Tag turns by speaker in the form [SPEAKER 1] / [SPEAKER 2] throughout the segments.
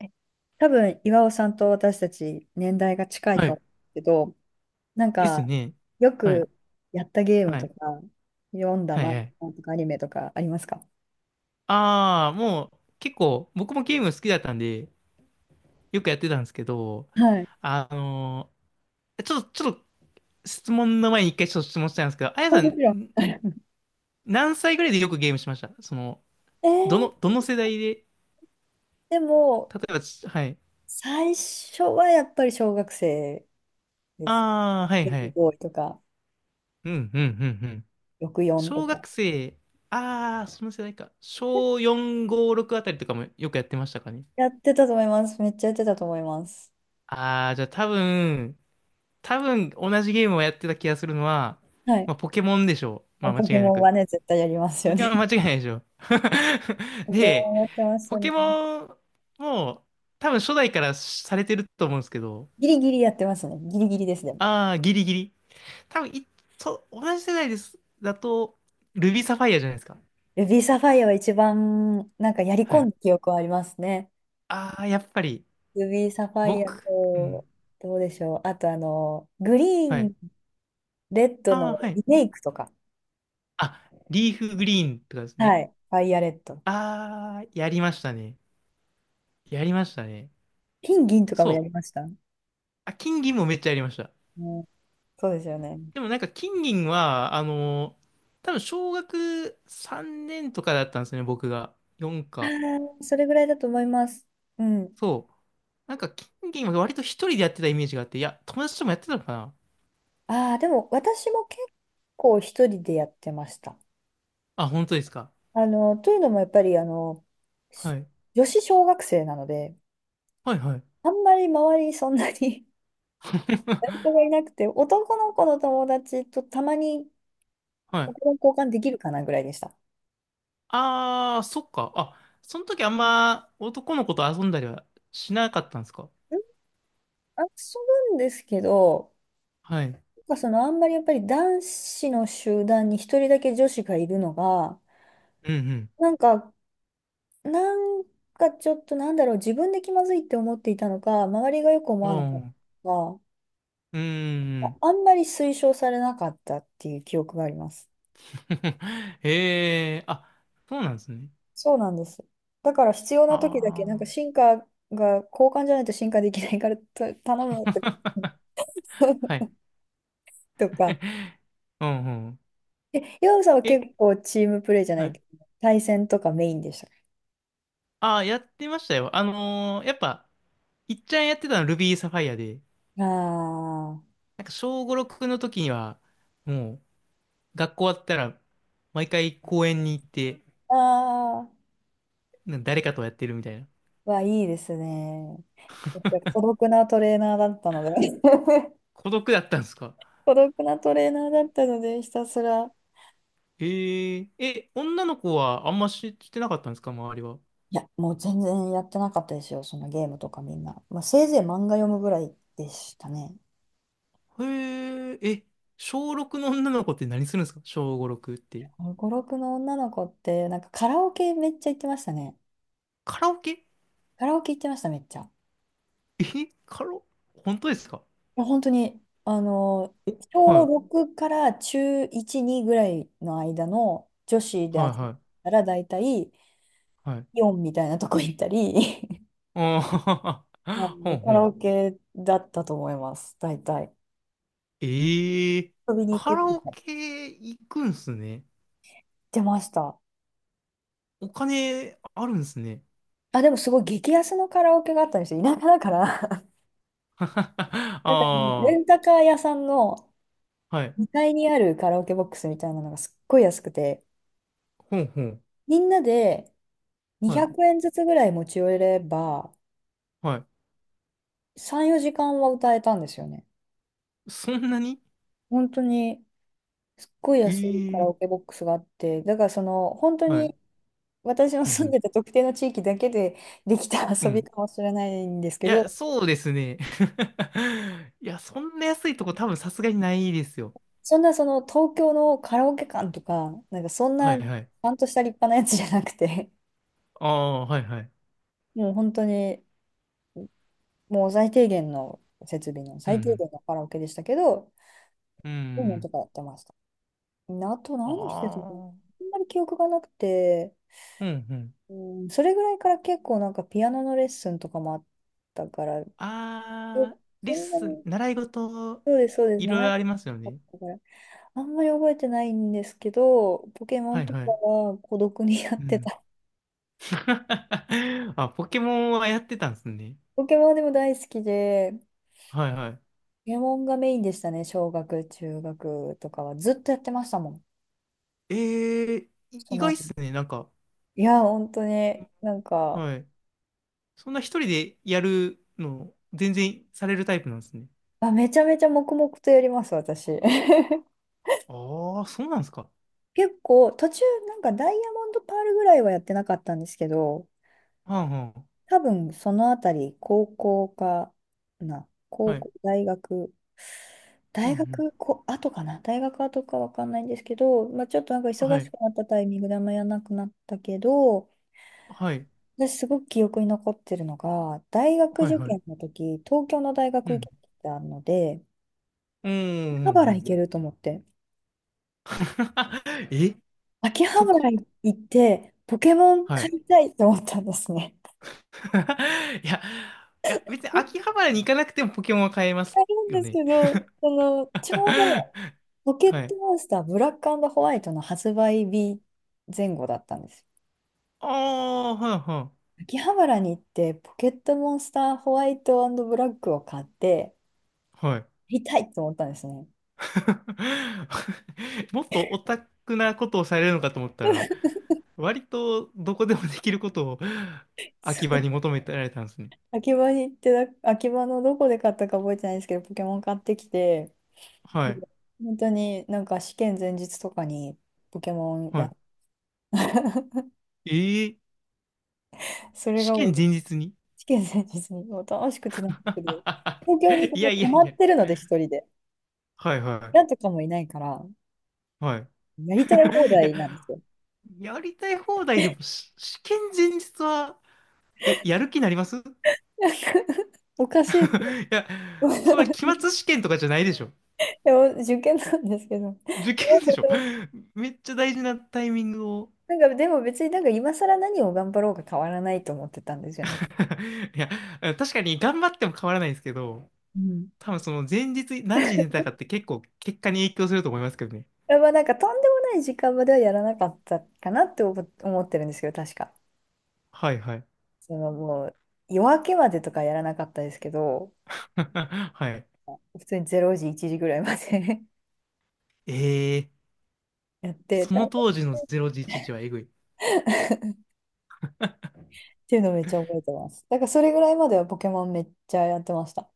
[SPEAKER 1] え多分、岩尾さんと私たち年代が近い
[SPEAKER 2] は
[SPEAKER 1] と思
[SPEAKER 2] い。
[SPEAKER 1] うけど、なん
[SPEAKER 2] です
[SPEAKER 1] か、
[SPEAKER 2] ね。
[SPEAKER 1] よ
[SPEAKER 2] はい。
[SPEAKER 1] くやったゲーム
[SPEAKER 2] は
[SPEAKER 1] と
[SPEAKER 2] い。
[SPEAKER 1] か、読んだ
[SPEAKER 2] はい。は
[SPEAKER 1] 漫
[SPEAKER 2] い。
[SPEAKER 1] 画とかアニメとかありますか？
[SPEAKER 2] ああ、もう結構僕もゲーム好きだったんで、よくやってたんですけど、
[SPEAKER 1] はい。
[SPEAKER 2] あのちょっと質問の前に一回ちょっと質問したいんですけど、あやさん、
[SPEAKER 1] もちろん。
[SPEAKER 2] ん何歳ぐらいでよくゲームしました？その、
[SPEAKER 1] え
[SPEAKER 2] ど
[SPEAKER 1] ー、
[SPEAKER 2] の、どの世代で、
[SPEAKER 1] でも、
[SPEAKER 2] 例えばはい。
[SPEAKER 1] 最初はやっぱり小学生です。
[SPEAKER 2] ああ、はい
[SPEAKER 1] ゲ
[SPEAKER 2] は
[SPEAKER 1] ーム
[SPEAKER 2] い。
[SPEAKER 1] ボーイとか、
[SPEAKER 2] うん、うん、うん、うん。
[SPEAKER 1] 64と
[SPEAKER 2] 小
[SPEAKER 1] か。
[SPEAKER 2] 学生、ああ、その世代か。小4、5、6あたりとかもよくやってましたかね。
[SPEAKER 1] やってたと思います。めっちゃやってたと思います。
[SPEAKER 2] ああ、じゃあ多分同じゲームをやってた気がするのは、
[SPEAKER 1] はい。
[SPEAKER 2] まあ、ポケモンでしょう。まあ間
[SPEAKER 1] ポケ
[SPEAKER 2] 違いな
[SPEAKER 1] モンは
[SPEAKER 2] く。
[SPEAKER 1] ね、絶対やります
[SPEAKER 2] ポ
[SPEAKER 1] よ
[SPEAKER 2] ケ
[SPEAKER 1] ね。
[SPEAKER 2] モンは 間違いないでしょう。
[SPEAKER 1] ポケ
[SPEAKER 2] で、
[SPEAKER 1] モンやってました
[SPEAKER 2] ポケ
[SPEAKER 1] ね。
[SPEAKER 2] モンも多分初代からされてると思うんですけど、
[SPEAKER 1] ギリギリやってますね。ギリギリですね。
[SPEAKER 2] ああ、ギリギリ。多分い、そう、同じ世代です。だと、ルビーサファイアじゃないですか。
[SPEAKER 1] ルビーサファイアは一番、やり
[SPEAKER 2] は
[SPEAKER 1] 込ん
[SPEAKER 2] い。
[SPEAKER 1] だ記憶はありますね。
[SPEAKER 2] ああ、やっぱり、
[SPEAKER 1] ルビーサファイア
[SPEAKER 2] 僕、うん。
[SPEAKER 1] と、どうでしょう。あと、グリー
[SPEAKER 2] はい。
[SPEAKER 1] ン、レッド
[SPEAKER 2] ああ、
[SPEAKER 1] の
[SPEAKER 2] はい。
[SPEAKER 1] リメイクとか。
[SPEAKER 2] あ、リーフグリーンとかです
[SPEAKER 1] は
[SPEAKER 2] ね。
[SPEAKER 1] い。ファイアレッドとか。
[SPEAKER 2] ああ、やりましたね。やりましたね。
[SPEAKER 1] 金、銀とかも
[SPEAKER 2] そ
[SPEAKER 1] やりま
[SPEAKER 2] う。
[SPEAKER 1] した。うん、
[SPEAKER 2] あ、金銀もめっちゃやりました。
[SPEAKER 1] そうですよね。
[SPEAKER 2] でもなんか金銀は、多分小学3年とかだったんですよね、僕が。4
[SPEAKER 1] あ
[SPEAKER 2] か。
[SPEAKER 1] あ、それぐらいだと思います。うん。
[SPEAKER 2] そう。なんか金銀は割と一人でやってたイメージがあって、いや、友達ともやってたのかな
[SPEAKER 1] ああ、でも私も結構一人でやってました。
[SPEAKER 2] あ。本当ですか？
[SPEAKER 1] というのもやっぱり、
[SPEAKER 2] は
[SPEAKER 1] し
[SPEAKER 2] い。
[SPEAKER 1] 女子小学生なので、
[SPEAKER 2] はいはい。
[SPEAKER 1] あんまり周りにそんなに 誰か がいなくて、男の子の友達とたまに
[SPEAKER 2] は
[SPEAKER 1] ポ
[SPEAKER 2] い。
[SPEAKER 1] ケモン交換できるかなぐらいでした。
[SPEAKER 2] あー、そっか。あ、その時あんま男の子と遊んだりはしなかったんですか？
[SPEAKER 1] 遊ぶんですけど、
[SPEAKER 2] はい。
[SPEAKER 1] そのあんまりやっぱり男子の集団に一人だけ女子がいるのが、
[SPEAKER 2] うん
[SPEAKER 1] なんか、なんかちょっとなんだろう、自分で気まずいって思っていたのか、周りがよく思
[SPEAKER 2] うん。あ
[SPEAKER 1] わなかっ
[SPEAKER 2] ー
[SPEAKER 1] たのか、
[SPEAKER 2] うん。うーん。
[SPEAKER 1] あんまり推奨されなかったっていう記憶があります。
[SPEAKER 2] へえ、あ、そうなんですね。
[SPEAKER 1] そうなんです。だから必要
[SPEAKER 2] あ
[SPEAKER 1] な時だけ、
[SPEAKER 2] あ。
[SPEAKER 1] 進化が交換じゃないと進化できないからと頼むって
[SPEAKER 2] は い。
[SPEAKER 1] とか。
[SPEAKER 2] うんうん。
[SPEAKER 1] え、ヨウさんは
[SPEAKER 2] え、
[SPEAKER 1] 結構チームプレーじゃな
[SPEAKER 2] は
[SPEAKER 1] い
[SPEAKER 2] い。
[SPEAKER 1] けど、対戦とかメインでしたか？
[SPEAKER 2] ああ、やってましたよ。やっぱ、いっちゃんやってたのは Ruby Sapphire で、
[SPEAKER 1] あ
[SPEAKER 2] なんか小五六の時には、もう、学校終わったら、毎回公園に行って、
[SPEAKER 1] あああ
[SPEAKER 2] なんか誰かとやってるみたいな。
[SPEAKER 1] はいいですね。私孤独なトレーナーだったので
[SPEAKER 2] 孤独だったんですか？
[SPEAKER 1] 孤独なトレーナーだったので、ひたすら。
[SPEAKER 2] え、女の子はあんま知ってなかったんですか周りは？
[SPEAKER 1] いや、もう全然やってなかったですよ、そのゲームとかみんな。まあ、せいぜい漫画読むぐらいでしたね。
[SPEAKER 2] へえ、え、小六の女の子って何するんですか？小五六って。
[SPEAKER 1] 5、6の女の子って、カラオケめっちゃ行ってましたね。
[SPEAKER 2] カラオケ？
[SPEAKER 1] カラオケ行ってました、めっちゃ。
[SPEAKER 2] え、カラオ、本当ですか？
[SPEAKER 1] や、本当に、
[SPEAKER 2] お、は
[SPEAKER 1] 小
[SPEAKER 2] い、
[SPEAKER 1] 6から中1、2ぐらいの間の女子で集ま
[SPEAKER 2] は
[SPEAKER 1] っ
[SPEAKER 2] い、はい。
[SPEAKER 1] たら、大体
[SPEAKER 2] はい。
[SPEAKER 1] イオンみたいなとこ行ったり、
[SPEAKER 2] あ
[SPEAKER 1] あ
[SPEAKER 2] あ、ほ
[SPEAKER 1] の、
[SPEAKER 2] ん
[SPEAKER 1] カ
[SPEAKER 2] ほ
[SPEAKER 1] ラオ
[SPEAKER 2] ん。
[SPEAKER 1] ケだったと思います、大体。
[SPEAKER 2] ええ、
[SPEAKER 1] 遊びに行
[SPEAKER 2] カ
[SPEAKER 1] くって
[SPEAKER 2] ラオ
[SPEAKER 1] 言っ
[SPEAKER 2] ケ行くんすね。
[SPEAKER 1] てました。
[SPEAKER 2] お金あるんすね。
[SPEAKER 1] あ、でもすごい激安のカラオケがあったんですよ。田舎だから。
[SPEAKER 2] あ
[SPEAKER 1] なんかもうレ
[SPEAKER 2] あ、
[SPEAKER 1] ンタカー屋さんの
[SPEAKER 2] はい。
[SPEAKER 1] 2階にあるカラオケボックスみたいなのがすっごい安くて、
[SPEAKER 2] ほんほん。
[SPEAKER 1] みんなで
[SPEAKER 2] は
[SPEAKER 1] 200
[SPEAKER 2] い。
[SPEAKER 1] 円ずつぐらい持ち寄れば、
[SPEAKER 2] はい。
[SPEAKER 1] 3、4時間は歌えたんですよね。
[SPEAKER 2] そんなに？
[SPEAKER 1] 本当に、すっごい安いカラ
[SPEAKER 2] え
[SPEAKER 1] オケ
[SPEAKER 2] え。
[SPEAKER 1] ボックスがあって、だからその、本当
[SPEAKER 2] はい。
[SPEAKER 1] に私の
[SPEAKER 2] う
[SPEAKER 1] 住ん
[SPEAKER 2] ん
[SPEAKER 1] でた特定の地域だけでできた
[SPEAKER 2] う
[SPEAKER 1] 遊
[SPEAKER 2] ん。う
[SPEAKER 1] び
[SPEAKER 2] ん。
[SPEAKER 1] かもしれないんです
[SPEAKER 2] い
[SPEAKER 1] け
[SPEAKER 2] や、
[SPEAKER 1] ど、
[SPEAKER 2] そうですね。いや、そんな安いとこ多分さすがにないですよ。
[SPEAKER 1] そんなその東京のカラオケ館とか、そん
[SPEAKER 2] は
[SPEAKER 1] な
[SPEAKER 2] いはい。
[SPEAKER 1] ゃんとした立派なやつじゃなくて、
[SPEAKER 2] ああ、はいはい。
[SPEAKER 1] もう本当に、もう最低限の設備の
[SPEAKER 2] う
[SPEAKER 1] 最低
[SPEAKER 2] ん
[SPEAKER 1] 限のカラオケでしたけど、
[SPEAKER 2] うん。う
[SPEAKER 1] そういうのと
[SPEAKER 2] ん。
[SPEAKER 1] かやってました。あと何してたかな
[SPEAKER 2] ああ、
[SPEAKER 1] あんまり記憶がなくて、
[SPEAKER 2] うんうん。
[SPEAKER 1] うそれぐらいから結構ピアノのレッスンとかもあったから、え
[SPEAKER 2] あー、レ
[SPEAKER 1] そ
[SPEAKER 2] ッ
[SPEAKER 1] んな
[SPEAKER 2] スン、
[SPEAKER 1] に、
[SPEAKER 2] 習い事、
[SPEAKER 1] そうです、そうです、
[SPEAKER 2] いろい
[SPEAKER 1] 長
[SPEAKER 2] ろ
[SPEAKER 1] か
[SPEAKER 2] ありますよ
[SPEAKER 1] っ
[SPEAKER 2] ね。
[SPEAKER 1] たから、あんまり覚えてないんですけど、ポケモ
[SPEAKER 2] は
[SPEAKER 1] ン
[SPEAKER 2] い
[SPEAKER 1] と
[SPEAKER 2] は
[SPEAKER 1] か
[SPEAKER 2] い。
[SPEAKER 1] は孤独にや
[SPEAKER 2] う
[SPEAKER 1] って
[SPEAKER 2] ん。
[SPEAKER 1] た。
[SPEAKER 2] あ、ポケモンはやってたんですね。
[SPEAKER 1] ポケモンでも大好きで、ポ
[SPEAKER 2] はいは
[SPEAKER 1] ケモンがメインでしたね、小学、中学とかは。ずっとやってましたもん、
[SPEAKER 2] い。え
[SPEAKER 1] その
[SPEAKER 2] ー、で
[SPEAKER 1] 後。
[SPEAKER 2] すね、なんか、
[SPEAKER 1] いや、本当に、
[SPEAKER 2] はい。そんな一人でやるの、全然されるタイプなんですね。
[SPEAKER 1] あ、めちゃめちゃ黙々とやります、私。
[SPEAKER 2] ああ、そうなんですか？
[SPEAKER 1] 結構、途中、ダイヤモンドパールぐらいはやってなかったんですけど、
[SPEAKER 2] はんはん。
[SPEAKER 1] 多分そのあたり、高
[SPEAKER 2] はい。
[SPEAKER 1] 校、
[SPEAKER 2] うん
[SPEAKER 1] 大
[SPEAKER 2] うん。
[SPEAKER 1] 学こ後かな、大学後かわかんないんですけど、まあ、ちょっと忙
[SPEAKER 2] は
[SPEAKER 1] し
[SPEAKER 2] い。
[SPEAKER 1] くなったタイミングであんまやらなくなったけど、
[SPEAKER 2] はい。
[SPEAKER 1] 私すごく記憶に残ってるのが、大学
[SPEAKER 2] はい
[SPEAKER 1] 受
[SPEAKER 2] はい。
[SPEAKER 1] 験の時、東京の大
[SPEAKER 2] う
[SPEAKER 1] 学
[SPEAKER 2] ん。
[SPEAKER 1] 受けてたので、
[SPEAKER 2] うんう
[SPEAKER 1] 秋
[SPEAKER 2] ん
[SPEAKER 1] 葉
[SPEAKER 2] うんう
[SPEAKER 1] 原行
[SPEAKER 2] ん。
[SPEAKER 1] けると思って、
[SPEAKER 2] え、
[SPEAKER 1] 秋葉
[SPEAKER 2] そ
[SPEAKER 1] 原
[SPEAKER 2] こ？
[SPEAKER 1] 行って、ポケモン
[SPEAKER 2] は
[SPEAKER 1] 買
[SPEAKER 2] い。
[SPEAKER 1] いたいと思ったんですね。
[SPEAKER 2] いや、いや、別に秋 葉原に行かなくてもポケモンは買えま
[SPEAKER 1] あ
[SPEAKER 2] す
[SPEAKER 1] るん
[SPEAKER 2] よ
[SPEAKER 1] です
[SPEAKER 2] ね。
[SPEAKER 1] けど、ちょうど、ポ ケ
[SPEAKER 2] は
[SPEAKER 1] ット
[SPEAKER 2] い。
[SPEAKER 1] モンスターブラックホワイトの発売日前後だったんです。
[SPEAKER 2] ああ、はいは
[SPEAKER 1] 秋葉原に行って、ポケットモンスターホワイトブラックを買って、
[SPEAKER 2] い。はい。
[SPEAKER 1] 見たいと思ったんですね。
[SPEAKER 2] もっとオタクなことをされるのかと思ったら、割とどこでもできることを
[SPEAKER 1] そ
[SPEAKER 2] 秋葉に
[SPEAKER 1] う
[SPEAKER 2] 求めてられたんですね。
[SPEAKER 1] 秋葉に行って、秋葉のどこで買ったか覚えてないんですけど、ポケモン買ってきて、
[SPEAKER 2] は
[SPEAKER 1] で
[SPEAKER 2] い。
[SPEAKER 1] 本当になんか試験前日とかにポケモン
[SPEAKER 2] は
[SPEAKER 1] やって、
[SPEAKER 2] い。ええ、
[SPEAKER 1] それ
[SPEAKER 2] 試
[SPEAKER 1] がも
[SPEAKER 2] 験前
[SPEAKER 1] う
[SPEAKER 2] 日に？
[SPEAKER 1] 試験前日にもう楽しくて楽しくて、東京に そ
[SPEAKER 2] い
[SPEAKER 1] の
[SPEAKER 2] やい
[SPEAKER 1] 泊
[SPEAKER 2] や
[SPEAKER 1] ま
[SPEAKER 2] いや。
[SPEAKER 1] ってるので、一人で。
[SPEAKER 2] はいは
[SPEAKER 1] なんとかもいないから、
[SPEAKER 2] い。はい。
[SPEAKER 1] やりたい放
[SPEAKER 2] いや、
[SPEAKER 1] 題なんですよ。
[SPEAKER 2] やりたい放題でもし試験前日はやる気になります？ い
[SPEAKER 1] おかしいですよ。
[SPEAKER 2] や、それは期 末試験とかじゃないでしょ。
[SPEAKER 1] でも受験なんですけど。
[SPEAKER 2] 受験でしょ。めっちゃ大事なタイミングを。
[SPEAKER 1] なんか、でも別になんか今更何を頑張ろうか変わらないと思ってたんですよね。
[SPEAKER 2] いや、確かに頑張っても変わらないんですけど、
[SPEAKER 1] うん。
[SPEAKER 2] 多分その前日何時に寝たかって結構結果に影響すると思いますけどね。
[SPEAKER 1] やっぱなんかとんでもない時間まではやらなかったかなって思ってるんですけど、確か。
[SPEAKER 2] はいはい。
[SPEAKER 1] そのもう夜明けまでとかやらなかったですけど、
[SPEAKER 2] はい。
[SPEAKER 1] 普通に0時、1時ぐらいまで
[SPEAKER 2] えー、
[SPEAKER 1] やって
[SPEAKER 2] そ
[SPEAKER 1] た
[SPEAKER 2] の
[SPEAKER 1] っ
[SPEAKER 2] 当時の0時1時はえぐい。
[SPEAKER 1] ていうのをめっちゃ覚えてます。だからそれぐらいまではポケモンめっちゃやってました。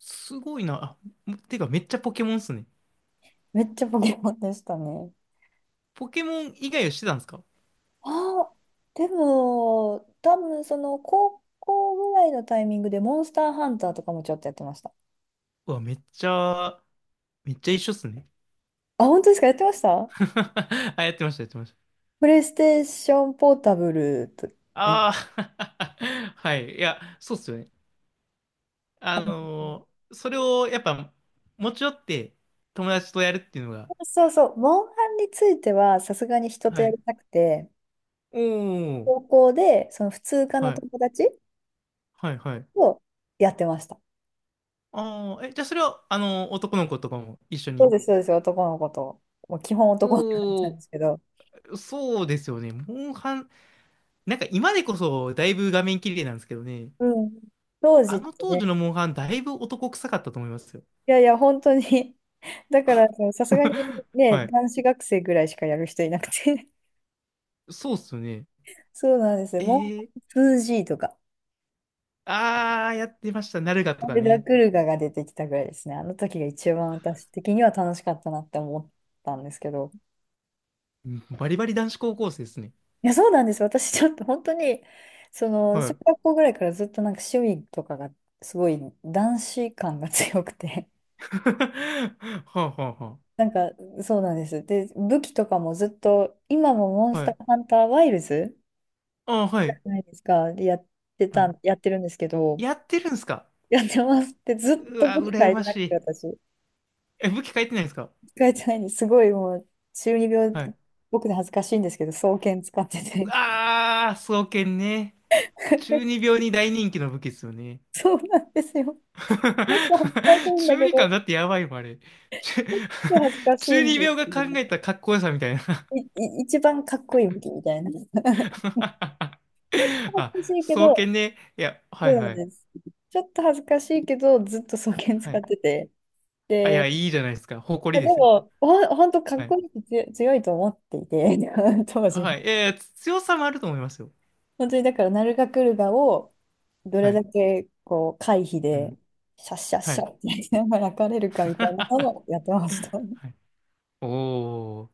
[SPEAKER 2] すごいな。あ、てかめっちゃポケモンっすね。
[SPEAKER 1] めっちゃポケモンでしたね。
[SPEAKER 2] ポケモン以外をしてたんですか？
[SPEAKER 1] ああ、でも、多分その高校ぐらいのタイミングでモンスターハンターとかもちょっとやってました。
[SPEAKER 2] うわ、めっちゃ一緒っすね。
[SPEAKER 1] あ、本当ですか？やってました。
[SPEAKER 2] あ、やってました、やってました。
[SPEAKER 1] プレイステーションポータブルと、ね。
[SPEAKER 2] ああ、はい。いや、そうっすよね。それをやっぱ持ち寄って友達とやるっていうのが、
[SPEAKER 1] そうそう、モンハンについてはさすがに人と
[SPEAKER 2] は
[SPEAKER 1] やり
[SPEAKER 2] い。
[SPEAKER 1] たくて、
[SPEAKER 2] おお、
[SPEAKER 1] 高校でその普通科の
[SPEAKER 2] はい、
[SPEAKER 1] 友達
[SPEAKER 2] はい、はい。
[SPEAKER 1] とやってました。
[SPEAKER 2] ああ、え、じゃあそれは、男の子とかも一緒
[SPEAKER 1] そう
[SPEAKER 2] に。
[SPEAKER 1] です、そうです、男の子と。もう基本男の子だった
[SPEAKER 2] お
[SPEAKER 1] んですけ
[SPEAKER 2] お、
[SPEAKER 1] ど。
[SPEAKER 2] そうですよね。モンハン、なんか今でこそだいぶ画面綺麗なんですけどね。
[SPEAKER 1] うん。当時
[SPEAKER 2] あ
[SPEAKER 1] っ
[SPEAKER 2] の
[SPEAKER 1] て
[SPEAKER 2] 当時
[SPEAKER 1] ね、
[SPEAKER 2] のモンハン、だいぶ男臭かったと思いますよ。
[SPEAKER 1] いやいや、本当に。だから、そのさすがに ね、
[SPEAKER 2] はい。
[SPEAKER 1] 男子学生ぐらいしかやる人いなくて。
[SPEAKER 2] そうっすよね。
[SPEAKER 1] そうなんですよ。
[SPEAKER 2] え
[SPEAKER 1] も
[SPEAKER 2] ー、
[SPEAKER 1] う 2G とか、
[SPEAKER 2] ああ、やってました。ナルガと
[SPEAKER 1] ア
[SPEAKER 2] か
[SPEAKER 1] ルダ
[SPEAKER 2] ね。
[SPEAKER 1] クルガが出てきたぐらいですね。あの時が一番私的には楽しかったなって思ったんですけど。
[SPEAKER 2] バリバリ男子高校生ですね。
[SPEAKER 1] いや、そうなんです。私ちょっと本当に、その、
[SPEAKER 2] は
[SPEAKER 1] 小
[SPEAKER 2] い。
[SPEAKER 1] 学校ぐらいからずっと趣味とかがすごい男子感が強くて。
[SPEAKER 2] はあはあは
[SPEAKER 1] なんか、そうなんです。で、武器とかもずっと、今もモン
[SPEAKER 2] あ。
[SPEAKER 1] ス
[SPEAKER 2] は
[SPEAKER 1] ター
[SPEAKER 2] い。
[SPEAKER 1] ハンターワイルズ
[SPEAKER 2] ああ、はい。
[SPEAKER 1] ないですか。で、
[SPEAKER 2] はい。
[SPEAKER 1] やってるんですけど、
[SPEAKER 2] やってるんですか？
[SPEAKER 1] やってますってずっ
[SPEAKER 2] う
[SPEAKER 1] と
[SPEAKER 2] わ、
[SPEAKER 1] 僕変
[SPEAKER 2] 羨
[SPEAKER 1] えて
[SPEAKER 2] ま
[SPEAKER 1] な
[SPEAKER 2] し
[SPEAKER 1] くて、
[SPEAKER 2] い。
[SPEAKER 1] 私。
[SPEAKER 2] え、武器変えてないんですか？
[SPEAKER 1] 変えてないんです。すごいもう、中二病、
[SPEAKER 2] はい。
[SPEAKER 1] 僕で恥ずかしいんですけど、双剣使ってて。
[SPEAKER 2] ああ、双剣ね。中二病に大人気の武器ですよね。
[SPEAKER 1] そうなんですよ。結構恥ずかしい んだ
[SPEAKER 2] 中
[SPEAKER 1] け
[SPEAKER 2] 二感
[SPEAKER 1] ど、
[SPEAKER 2] だってやばいもん、あれ。中
[SPEAKER 1] 結構恥ずか しい
[SPEAKER 2] 中
[SPEAKER 1] ん
[SPEAKER 2] 二
[SPEAKER 1] です
[SPEAKER 2] 病が
[SPEAKER 1] けど
[SPEAKER 2] 考
[SPEAKER 1] ね。
[SPEAKER 2] えたかっこよさみたいな。
[SPEAKER 1] 一番かっこいい武器みたいな。恥ず
[SPEAKER 2] あ、
[SPEAKER 1] かしいけ
[SPEAKER 2] 双
[SPEAKER 1] ど、
[SPEAKER 2] 剣ね。いや、は
[SPEAKER 1] そ
[SPEAKER 2] い
[SPEAKER 1] うな
[SPEAKER 2] は
[SPEAKER 1] ん
[SPEAKER 2] い。
[SPEAKER 1] です。ちょっと恥ずかしいけど、ずっと双剣
[SPEAKER 2] は
[SPEAKER 1] 使っ
[SPEAKER 2] い。
[SPEAKER 1] てて。
[SPEAKER 2] あ、いや、
[SPEAKER 1] で、
[SPEAKER 2] いいじゃないですか。
[SPEAKER 1] い
[SPEAKER 2] 誇
[SPEAKER 1] や
[SPEAKER 2] り
[SPEAKER 1] で
[SPEAKER 2] ですよ。
[SPEAKER 1] も、ほんとかっ
[SPEAKER 2] は
[SPEAKER 1] こ
[SPEAKER 2] い
[SPEAKER 1] いいし強いと思っていて、当時
[SPEAKER 2] はい。えー、強さもあると思いますよ。
[SPEAKER 1] 本当にだから、ナルガクルガをどれ
[SPEAKER 2] はい。
[SPEAKER 1] だけこう回避
[SPEAKER 2] う
[SPEAKER 1] で、
[SPEAKER 2] ん。
[SPEAKER 1] シャッシャッ
[SPEAKER 2] は
[SPEAKER 1] シャ
[SPEAKER 2] い。
[SPEAKER 1] ッってやりながら焼かれるかみたいなのをやってまし た。
[SPEAKER 2] はい。おー。